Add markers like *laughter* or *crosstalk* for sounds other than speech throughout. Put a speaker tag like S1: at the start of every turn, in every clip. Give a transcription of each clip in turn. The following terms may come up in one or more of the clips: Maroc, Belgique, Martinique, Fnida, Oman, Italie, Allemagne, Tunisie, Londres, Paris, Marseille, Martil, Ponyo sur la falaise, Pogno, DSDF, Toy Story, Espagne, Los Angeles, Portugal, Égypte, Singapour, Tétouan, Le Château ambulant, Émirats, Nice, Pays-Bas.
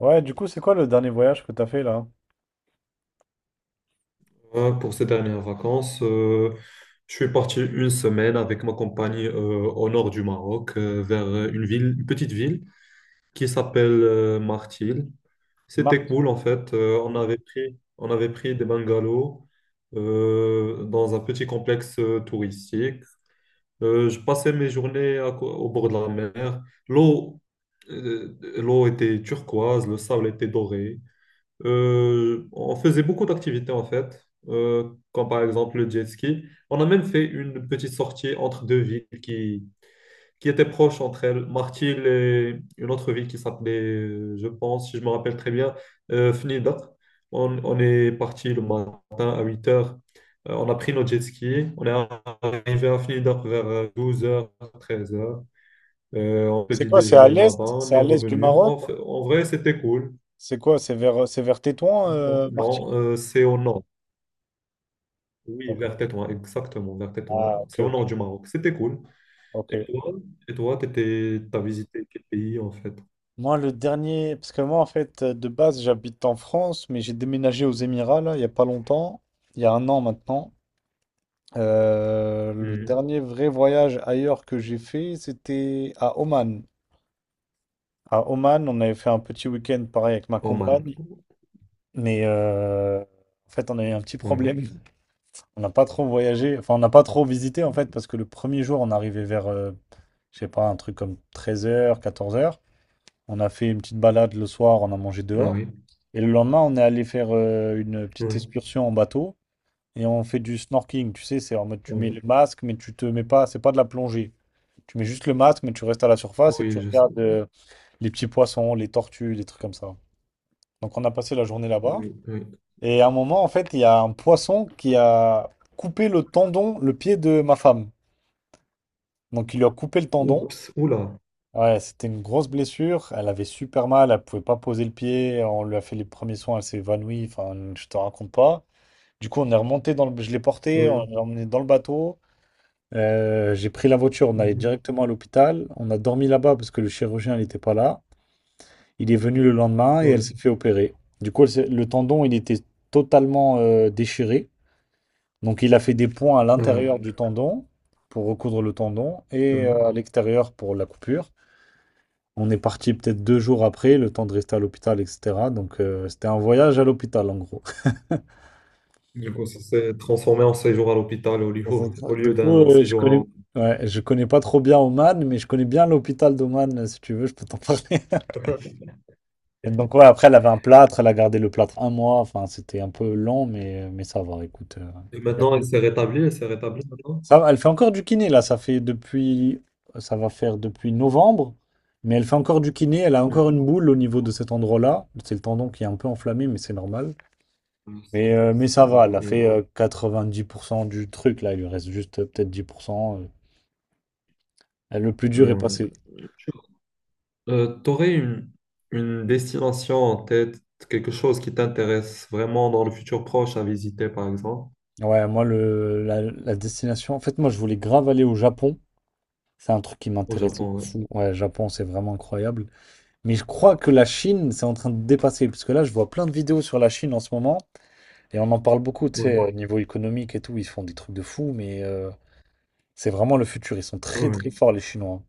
S1: Ouais, du coup, c'est quoi le dernier voyage que t'as fait là?
S2: Pour ces dernières vacances, je suis parti une semaine avec ma compagnie au nord du Maroc, vers une ville, une petite ville qui s'appelle Martil. C'était cool en
S1: Martinique.
S2: fait. On avait pris des bungalows dans un petit complexe touristique. Je passais mes journées au bord de la mer. L'eau, l'eau était turquoise, le sable était doré. On faisait beaucoup d'activités en fait, comme par exemple le jet ski. On a même fait une petite sortie entre deux villes qui étaient proches entre elles, Martil et une autre ville qui s'appelait, je pense, si je me rappelle très bien, Fnida. On est parti le matin à 8 heures. On a pris nos jet skis. On est arrivé à Fnida vers 12h, 13h. On a
S1: C'est
S2: petit
S1: quoi? C'est à
S2: déjeuner
S1: l'est?
S2: là-bas. On
S1: C'est à
S2: est
S1: l'est du
S2: revenu.
S1: Maroc?
S2: En vrai, c'était cool.
S1: C'est quoi? C'est vers Tétouan,
S2: Non, non,
S1: Martinique?
S2: c'est au nord. Oui, vers
S1: Ok.
S2: Tétouan, exactement, vers
S1: Ah,
S2: Tétouan.
S1: ok,
S2: C'est au
S1: ok,
S2: nord du Maroc. C'était cool.
S1: ok.
S2: Et toi, et toi, t'as visité quel pays en fait?
S1: Moi, le dernier, parce que moi, en fait, de base, j'habite en France, mais j'ai déménagé aux Émirats là, il y a pas longtemps, il y a un an maintenant. Le
S2: Mhm.
S1: dernier vrai voyage ailleurs que j'ai fait, c'était à Oman. À Oman, on avait fait un petit week-end pareil avec ma
S2: Oman.
S1: compagne, mais en fait, on a eu un petit
S2: Oui,
S1: problème. On n'a pas trop voyagé, enfin on n'a pas trop visité en fait, parce que le premier jour on arrivait vers, je sais pas, un truc comme 13 heures, 14 heures. On a fait une petite balade le soir, on a mangé dehors.
S2: oui,
S1: Et le lendemain on est allé faire une petite
S2: oui,
S1: excursion en bateau et on fait du snorkeling. Tu sais, c'est en mode tu mets
S2: oui,
S1: le masque mais tu te mets pas, c'est pas de la plongée. Tu mets juste le masque mais tu restes à la surface et tu
S2: oui, je sais.
S1: regardes les petits poissons, les tortues, des trucs comme ça. Donc on a passé la journée là-bas.
S2: Oui, oui.
S1: Et à un moment en fait il y a un poisson qui a coupé le tendon, le pied de ma femme. Donc il lui a coupé le tendon.
S2: Oups, oula.
S1: Ouais, c'était une grosse blessure. Elle avait super mal, elle pouvait pas poser le pied. On lui a fait les premiers soins, elle s'est évanouie. Enfin, je te raconte pas. Du coup, on est remonté dans le... Je l'ai porté, on
S2: Oui,
S1: l'a emmené dans le bateau. J'ai pris la voiture, on allait
S2: mhm.
S1: directement à l'hôpital. On a dormi là-bas parce que le chirurgien n'était pas là. Il est venu le lendemain et elle
S2: Oui,
S1: s'est fait opérer. Du coup, le tendon, il était totalement déchiré. Donc, il a fait des points à
S2: oui.
S1: l'intérieur du tendon pour recoudre le tendon et
S2: Mhm.
S1: à l'extérieur pour la coupure. On est parti peut-être 2 jours après, le temps de rester à l'hôpital, etc. Donc, c'était un voyage à l'hôpital, en gros. *laughs*
S2: Du coup, ça s'est transformé en séjour à l'hôpital au
S1: Du
S2: lieu
S1: coup,
S2: d'un séjour
S1: ouais, je connais pas trop bien Oman, mais je connais bien l'hôpital d'Oman, si tu veux, je peux t'en *laughs* parler.
S2: à... *laughs*
S1: Et donc, ouais, après, elle avait un plâtre, elle a gardé le plâtre un mois. Enfin, c'était un peu lent, mais ça va, écoute.
S2: Et
S1: Y a
S2: maintenant,
S1: plus-
S2: elle s'est rétablie maintenant.
S1: ça va, elle fait encore du kiné, là. Ça va faire depuis novembre, mais elle fait encore du kiné. Elle a encore une boule au niveau de cet endroit-là. C'est le tendon qui est un peu enflammé, mais c'est normal.
S2: Mhm.
S1: Mais,
S2: C'est
S1: euh, mais ça
S2: c'est un
S1: va, elle a
S2: peu...
S1: fait 90% du truc, là, il lui reste juste peut-être 10%. Le plus dur est passé.
S2: Ouais. T'aurais une destination en tête, quelque chose qui t'intéresse vraiment dans le futur proche à visiter, par exemple,
S1: Ouais, moi, la destination, en fait, moi, je voulais grave aller au Japon. C'est un truc qui
S2: au
S1: m'intéressait
S2: Japon,
S1: de
S2: ouais.
S1: fou. Ouais, Japon, c'est vraiment incroyable. Mais je crois que la Chine, c'est en train de dépasser, parce que là, je vois plein de vidéos sur la Chine en ce moment, et on en parle beaucoup, tu sais,
S2: Oui,
S1: au niveau économique et tout, ils font des trucs de fou, mais c'est vraiment le futur. Ils sont très, très
S2: oui,
S1: forts, les Chinois.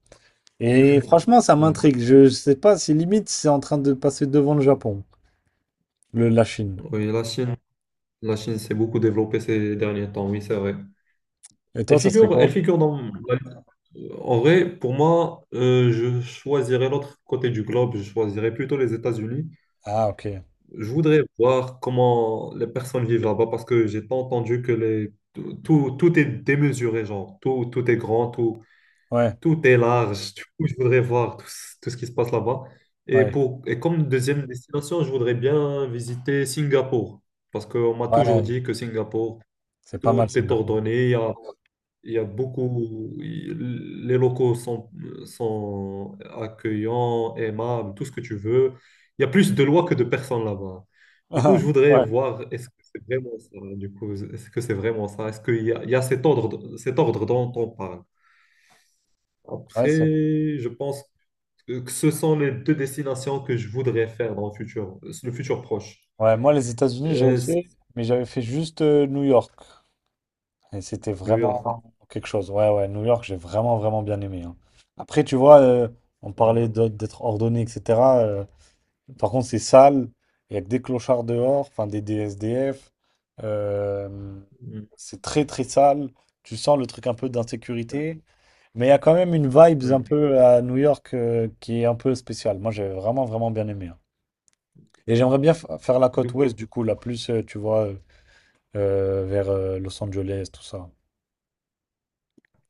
S1: Et franchement, ça
S2: oui.
S1: m'intrigue. Je sais pas si limite c'est en train de passer devant le Japon. La Chine.
S2: Oui, la Chine s'est beaucoup développée ces derniers temps, oui, c'est vrai.
S1: Et toi, ça serait
S2: Elle
S1: quoi?
S2: figure dans... En vrai, pour moi, je choisirais l'autre côté du globe, je choisirais plutôt les États-Unis.
S1: Ah, ok.
S2: Je voudrais voir comment les personnes vivent là-bas parce que j'ai pas entendu que les... Tout est démesuré, genre, tout est grand, tout...
S1: Ouais,
S2: Tout est large. Du coup, je voudrais voir ce tout ce qui se passe là-bas. Et,
S1: ouais,
S2: pour, et comme deuxième destination, je voudrais bien visiter Singapour. Parce qu'on m'a toujours
S1: ouais.
S2: dit que Singapour,
S1: C'est pas mal,
S2: tout est
S1: Singapour.
S2: ordonné. Il y a beaucoup. Les locaux sont accueillants, aimables, tout ce que tu veux. Il y a plus de lois que de personnes là-bas. Du coup, je
S1: *laughs*
S2: voudrais
S1: Ouais,
S2: voir est-ce que c'est vraiment ça. Du coup, est-ce que c'est vraiment ça? Est-ce qu'il y a cet ordre dont on parle?
S1: ouais,
S2: Après, je pense que ce sont les deux destinations que je voudrais faire dans le futur proche.
S1: Ouais, moi, les États-Unis, j'ai
S2: C'est
S1: aussi, mais j'avais fait juste New York. Et c'était
S2: New York.
S1: vraiment quelque chose. Ouais, ouais, New York, j'ai vraiment, vraiment bien aimé, hein. Après, tu vois, on
S2: Euh,
S1: parlait d'être ordonné, etc. Par contre, c'est sale. Il y a que des clochards dehors, enfin, des DSDF. euh,
S2: mm,
S1: c'est très, très sale. Tu sens le truc un peu
S2: ouais,
S1: d'insécurité. Mais il y a quand même une vibe un
S2: ouais.
S1: peu à New York qui est un peu spéciale. Moi, j'ai vraiment, vraiment bien aimé, hein. Et j'aimerais bien faire la
S2: Du
S1: côte
S2: coup,
S1: ouest, du coup, tu vois, vers Los Angeles, tout ça.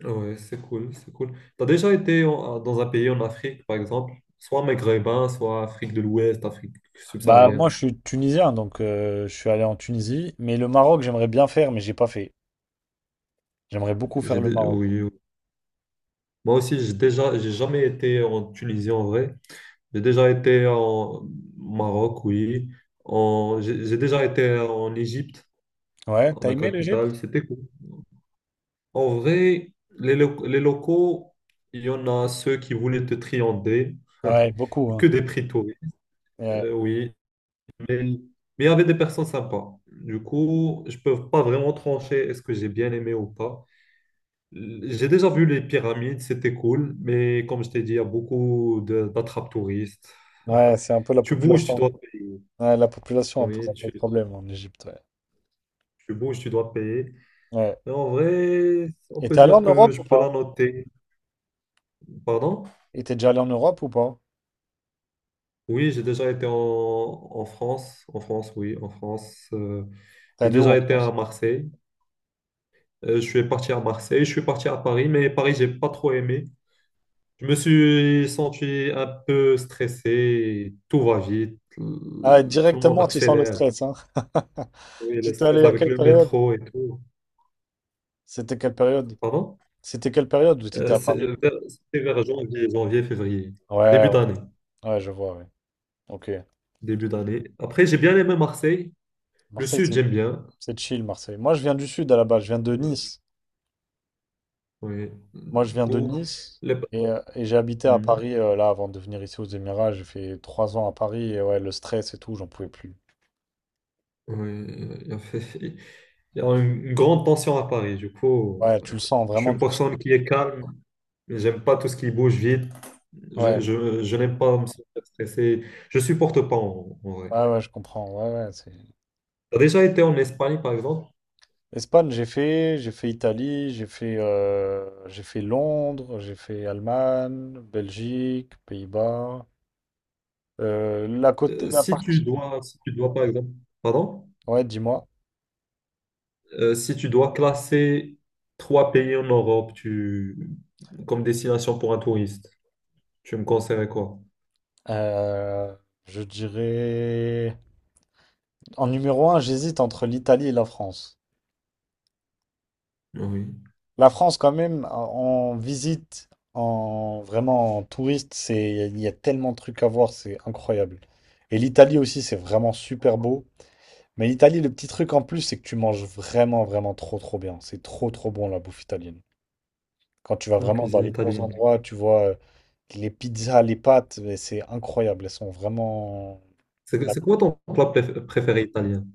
S2: ouais, c'est cool, c'est cool. T'as déjà été dans un pays en Afrique, par exemple, soit maghrébin, soit Afrique de l'Ouest, Afrique
S1: Bah, moi, je
S2: subsaharienne.
S1: suis tunisien, donc je suis allé en Tunisie. Mais le Maroc, j'aimerais bien faire, mais j'ai pas fait. J'aimerais beaucoup faire le Maroc.
S2: Oui, oui. Moi aussi, j'ai jamais été en Tunisie en vrai. J'ai déjà été en Maroc, oui. En... j'ai déjà été en Égypte,
S1: Ouais,
S2: en
S1: t'as
S2: la
S1: aimé l'Égypte?
S2: capitale. C'était cool. En vrai, les locaux, il y en a ceux qui voulaient te triander,
S1: Ouais, beaucoup,
S2: *laughs*
S1: hein.
S2: que des prix-touristes,
S1: Ouais,
S2: oui. Mais il y avait des personnes sympas. Du coup, je peux pas vraiment trancher est-ce que j'ai bien aimé ou pas. J'ai déjà vu les pyramides, c'était cool, mais comme je t'ai dit, il y a beaucoup d'attrape-touristes.
S1: ouais, c'est un peu la
S2: Tu bouges, tu
S1: population.
S2: dois payer.
S1: Ouais, la population pose
S2: Oui,
S1: un peu
S2: tu,
S1: de problème en Égypte, ouais.
S2: tu bouges, tu dois payer.
S1: Ouais.
S2: Et en vrai, on
S1: Et
S2: peut
S1: t'es allé en
S2: dire que
S1: Europe
S2: je
S1: ou
S2: peux
S1: pas?
S2: la noter. Pardon?
S1: Et t'es déjà allé en Europe ou pas?
S2: Oui, j'ai déjà été en France, oui, en France.
S1: T'es
S2: J'ai
S1: allé où
S2: déjà
S1: en
S2: été à
S1: France?
S2: Marseille. Je suis parti à Marseille, je suis parti à Paris, mais Paris, j'ai pas trop aimé. Je me suis senti un peu stressé, tout va vite,
S1: Ah,
S2: tout le monde
S1: directement, tu sens le
S2: accélère.
S1: stress, hein. *laughs*
S2: Oui,
S1: Tu
S2: le
S1: étais
S2: stress
S1: allé à
S2: avec
S1: quelle
S2: le
S1: période?
S2: métro et tout.
S1: C'était quelle période?
S2: Pardon?
S1: C'était quelle période où tu étais à Paris?
S2: C'était vers janvier, février,
S1: Ouais,
S2: début
S1: ouais,
S2: d'année,
S1: ouais, je vois, ouais. Ok.
S2: début d'année. Après, j'ai bien aimé Marseille. Le
S1: Marseille,
S2: sud,
S1: c'est
S2: j'aime bien.
S1: c'est chill, Marseille. Moi, je viens du sud à la base, je viens de
S2: Euh,
S1: Nice.
S2: Oui,
S1: Moi, je
S2: du
S1: viens de
S2: coup,
S1: Nice
S2: les...
S1: et j'ai habité à
S2: Mhm.
S1: Paris là avant de venir ici aux Émirats. J'ai fait 3 ans à Paris et ouais, le stress et tout, j'en pouvais plus.
S2: Oui, il y a *laughs* il y a une grande tension à Paris. Du coup,
S1: Ouais, tu le sens,
S2: je suis
S1: vraiment,
S2: une
S1: tu le sens.
S2: personne qui est calme. J'aime pas tout ce qui bouge vite. Je,
S1: Ouais,
S2: je, je n'aime pas me sentir stressé. Je supporte pas en vrai.
S1: ouais, ouais, je comprends. Ouais, ouais, c'est.
S2: Tu as déjà été en Espagne, par exemple?
S1: Espagne, j'ai fait Italie, j'ai fait Londres, j'ai fait Allemagne, Belgique, Pays-Bas. Euh, la côté, la partie.
S2: Si tu dois, par exemple, pardon?
S1: Ouais, dis-moi.
S2: Si tu dois classer 3 pays en Europe comme destination pour un touriste, tu me conseillerais quoi?
S1: Euh, je dirais en numéro un, j'hésite entre l'Italie et la France.
S2: Oui,
S1: La France, quand même, en visite, en vraiment en touriste, c'est il y a tellement de trucs à voir, c'est incroyable. Et l'Italie aussi, c'est vraiment super beau. Mais l'Italie, le petit truc en plus, c'est que tu manges vraiment, vraiment trop, trop bien. C'est trop, trop bon la bouffe italienne. Quand tu vas
S2: la
S1: vraiment dans
S2: cuisine
S1: les bons
S2: italienne.
S1: endroits, tu vois les pizzas, les pâtes, mais c'est incroyable. Elles sont vraiment.
S2: C'est
S1: la-
S2: c'est quoi ton plat préféré italien?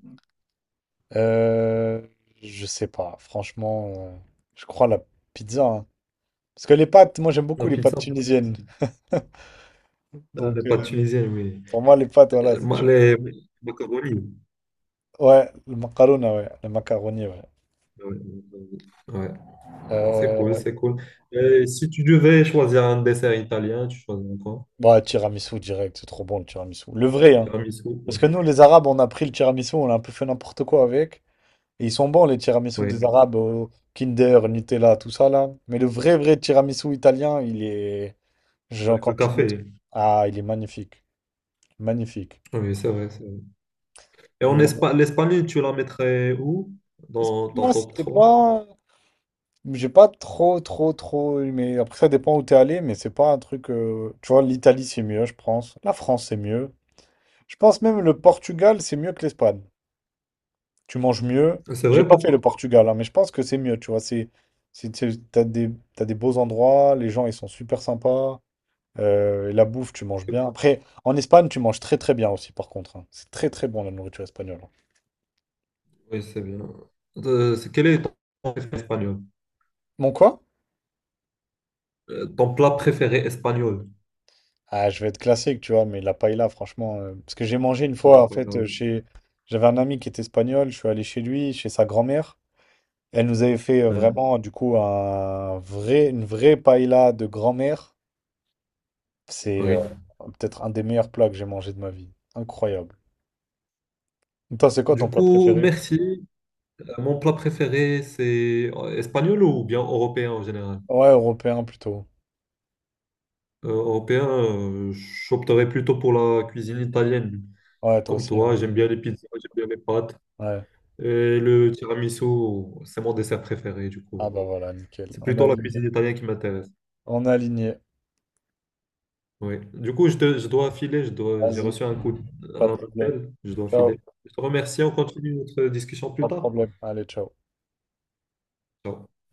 S1: Euh, je sais pas, franchement, je crois la pizza, hein. Parce que les pâtes, moi j'aime
S2: La
S1: beaucoup les pâtes
S2: pizza,
S1: tunisiennes. *laughs* Donc
S2: elle est pas tunisienne, oui.
S1: pour moi, les pâtes, voilà.
S2: Les macaronis.
S1: Ouais, le macaroni, ouais. Le macaroni, ouais.
S2: Ouais, ouais. Ouais. C'est cool,
S1: Euh,
S2: c'est cool. Et si tu devais choisir un dessert italien, tu choisirais quoi?
S1: ouais, tiramisu direct, c'est trop bon le tiramisu. Le vrai, hein.
S2: Tiramisu,
S1: Parce
S2: oui.
S1: que nous, les Arabes, on a pris le tiramisu, on a un peu fait n'importe quoi avec. Et ils sont bons, les tiramisu
S2: Oui,
S1: des Arabes, au Kinder, Nutella, tout ça là. Mais le vrai, vrai tiramisu italien, il est. Genre,
S2: avec le
S1: quand tu goûtes.
S2: café.
S1: Ah, il est magnifique. Magnifique.
S2: Ah, oui, c'est vrai, c'est vrai. Et en
S1: Et
S2: Espagne, l'Espagne, tu la mettrais où? Dans ton
S1: moi,
S2: top
S1: c'était
S2: trois.
S1: pas. J'ai pas trop, trop, trop aimé. Après, ça dépend où t'es allé, mais c'est pas un truc. Tu vois, l'Italie, c'est mieux, je pense. La France, c'est mieux. Je pense même le Portugal, c'est mieux que l'Espagne. Tu manges mieux.
S2: C'est
S1: J'ai
S2: vrai,
S1: pas fait le
S2: pourquoi?
S1: Portugal, hein, mais je pense que c'est mieux, tu vois. C'est, c'est- t'as des, t'as des beaux endroits, les gens, ils sont super sympas. Et la bouffe, tu manges
S2: C'est
S1: bien.
S2: cool.
S1: Après, en Espagne, tu manges très très bien aussi, par contre, hein. C'est très très bon la nourriture espagnole, hein.
S2: Oui, c'est bien. Quel est ton plat préféré espagnol?
S1: Mon quoi?
S2: Ton plat préféré espagnol?
S1: Ah, je vais être classique, tu vois, mais la paella, franchement, parce que j'ai mangé une
S2: Voilà,
S1: fois, en
S2: voilà,
S1: fait,
S2: oui.
S1: j'avais un ami qui était espagnol, je suis allé chez lui, chez sa grand-mère. Elle nous avait fait
S2: Ouais,
S1: vraiment, du coup, une vraie paella de grand-mère. C'est
S2: oui.
S1: peut-être un des meilleurs plats que j'ai mangé de ma vie. Incroyable. Toi, c'est quoi
S2: Du
S1: ton plat
S2: coup,
S1: préféré?
S2: merci. Mon plat préféré, c'est espagnol ou bien européen en général?
S1: Ouais, européen plutôt.
S2: Européen, j'opterais plutôt pour la cuisine italienne.
S1: Ouais, toi
S2: Comme
S1: aussi, hein.
S2: toi, j'aime bien les pizzas, j'aime bien les pâtes.
S1: Ouais.
S2: Et le tiramisu, c'est mon dessert préféré, du
S1: Ah
S2: coup.
S1: bah voilà, nickel.
S2: C'est
S1: On est
S2: plutôt la
S1: aligné.
S2: cuisine italienne qui m'intéresse.
S1: On est aligné.
S2: Oui. Du coup, je dois filer, j'ai
S1: Vas-y,
S2: reçu
S1: pas de
S2: un
S1: problème.
S2: appel, je dois
S1: Ciao,
S2: filer. Je te remercie, on continue notre discussion plus
S1: pas de
S2: tard.
S1: problème. Allez, ciao.
S2: Ciao.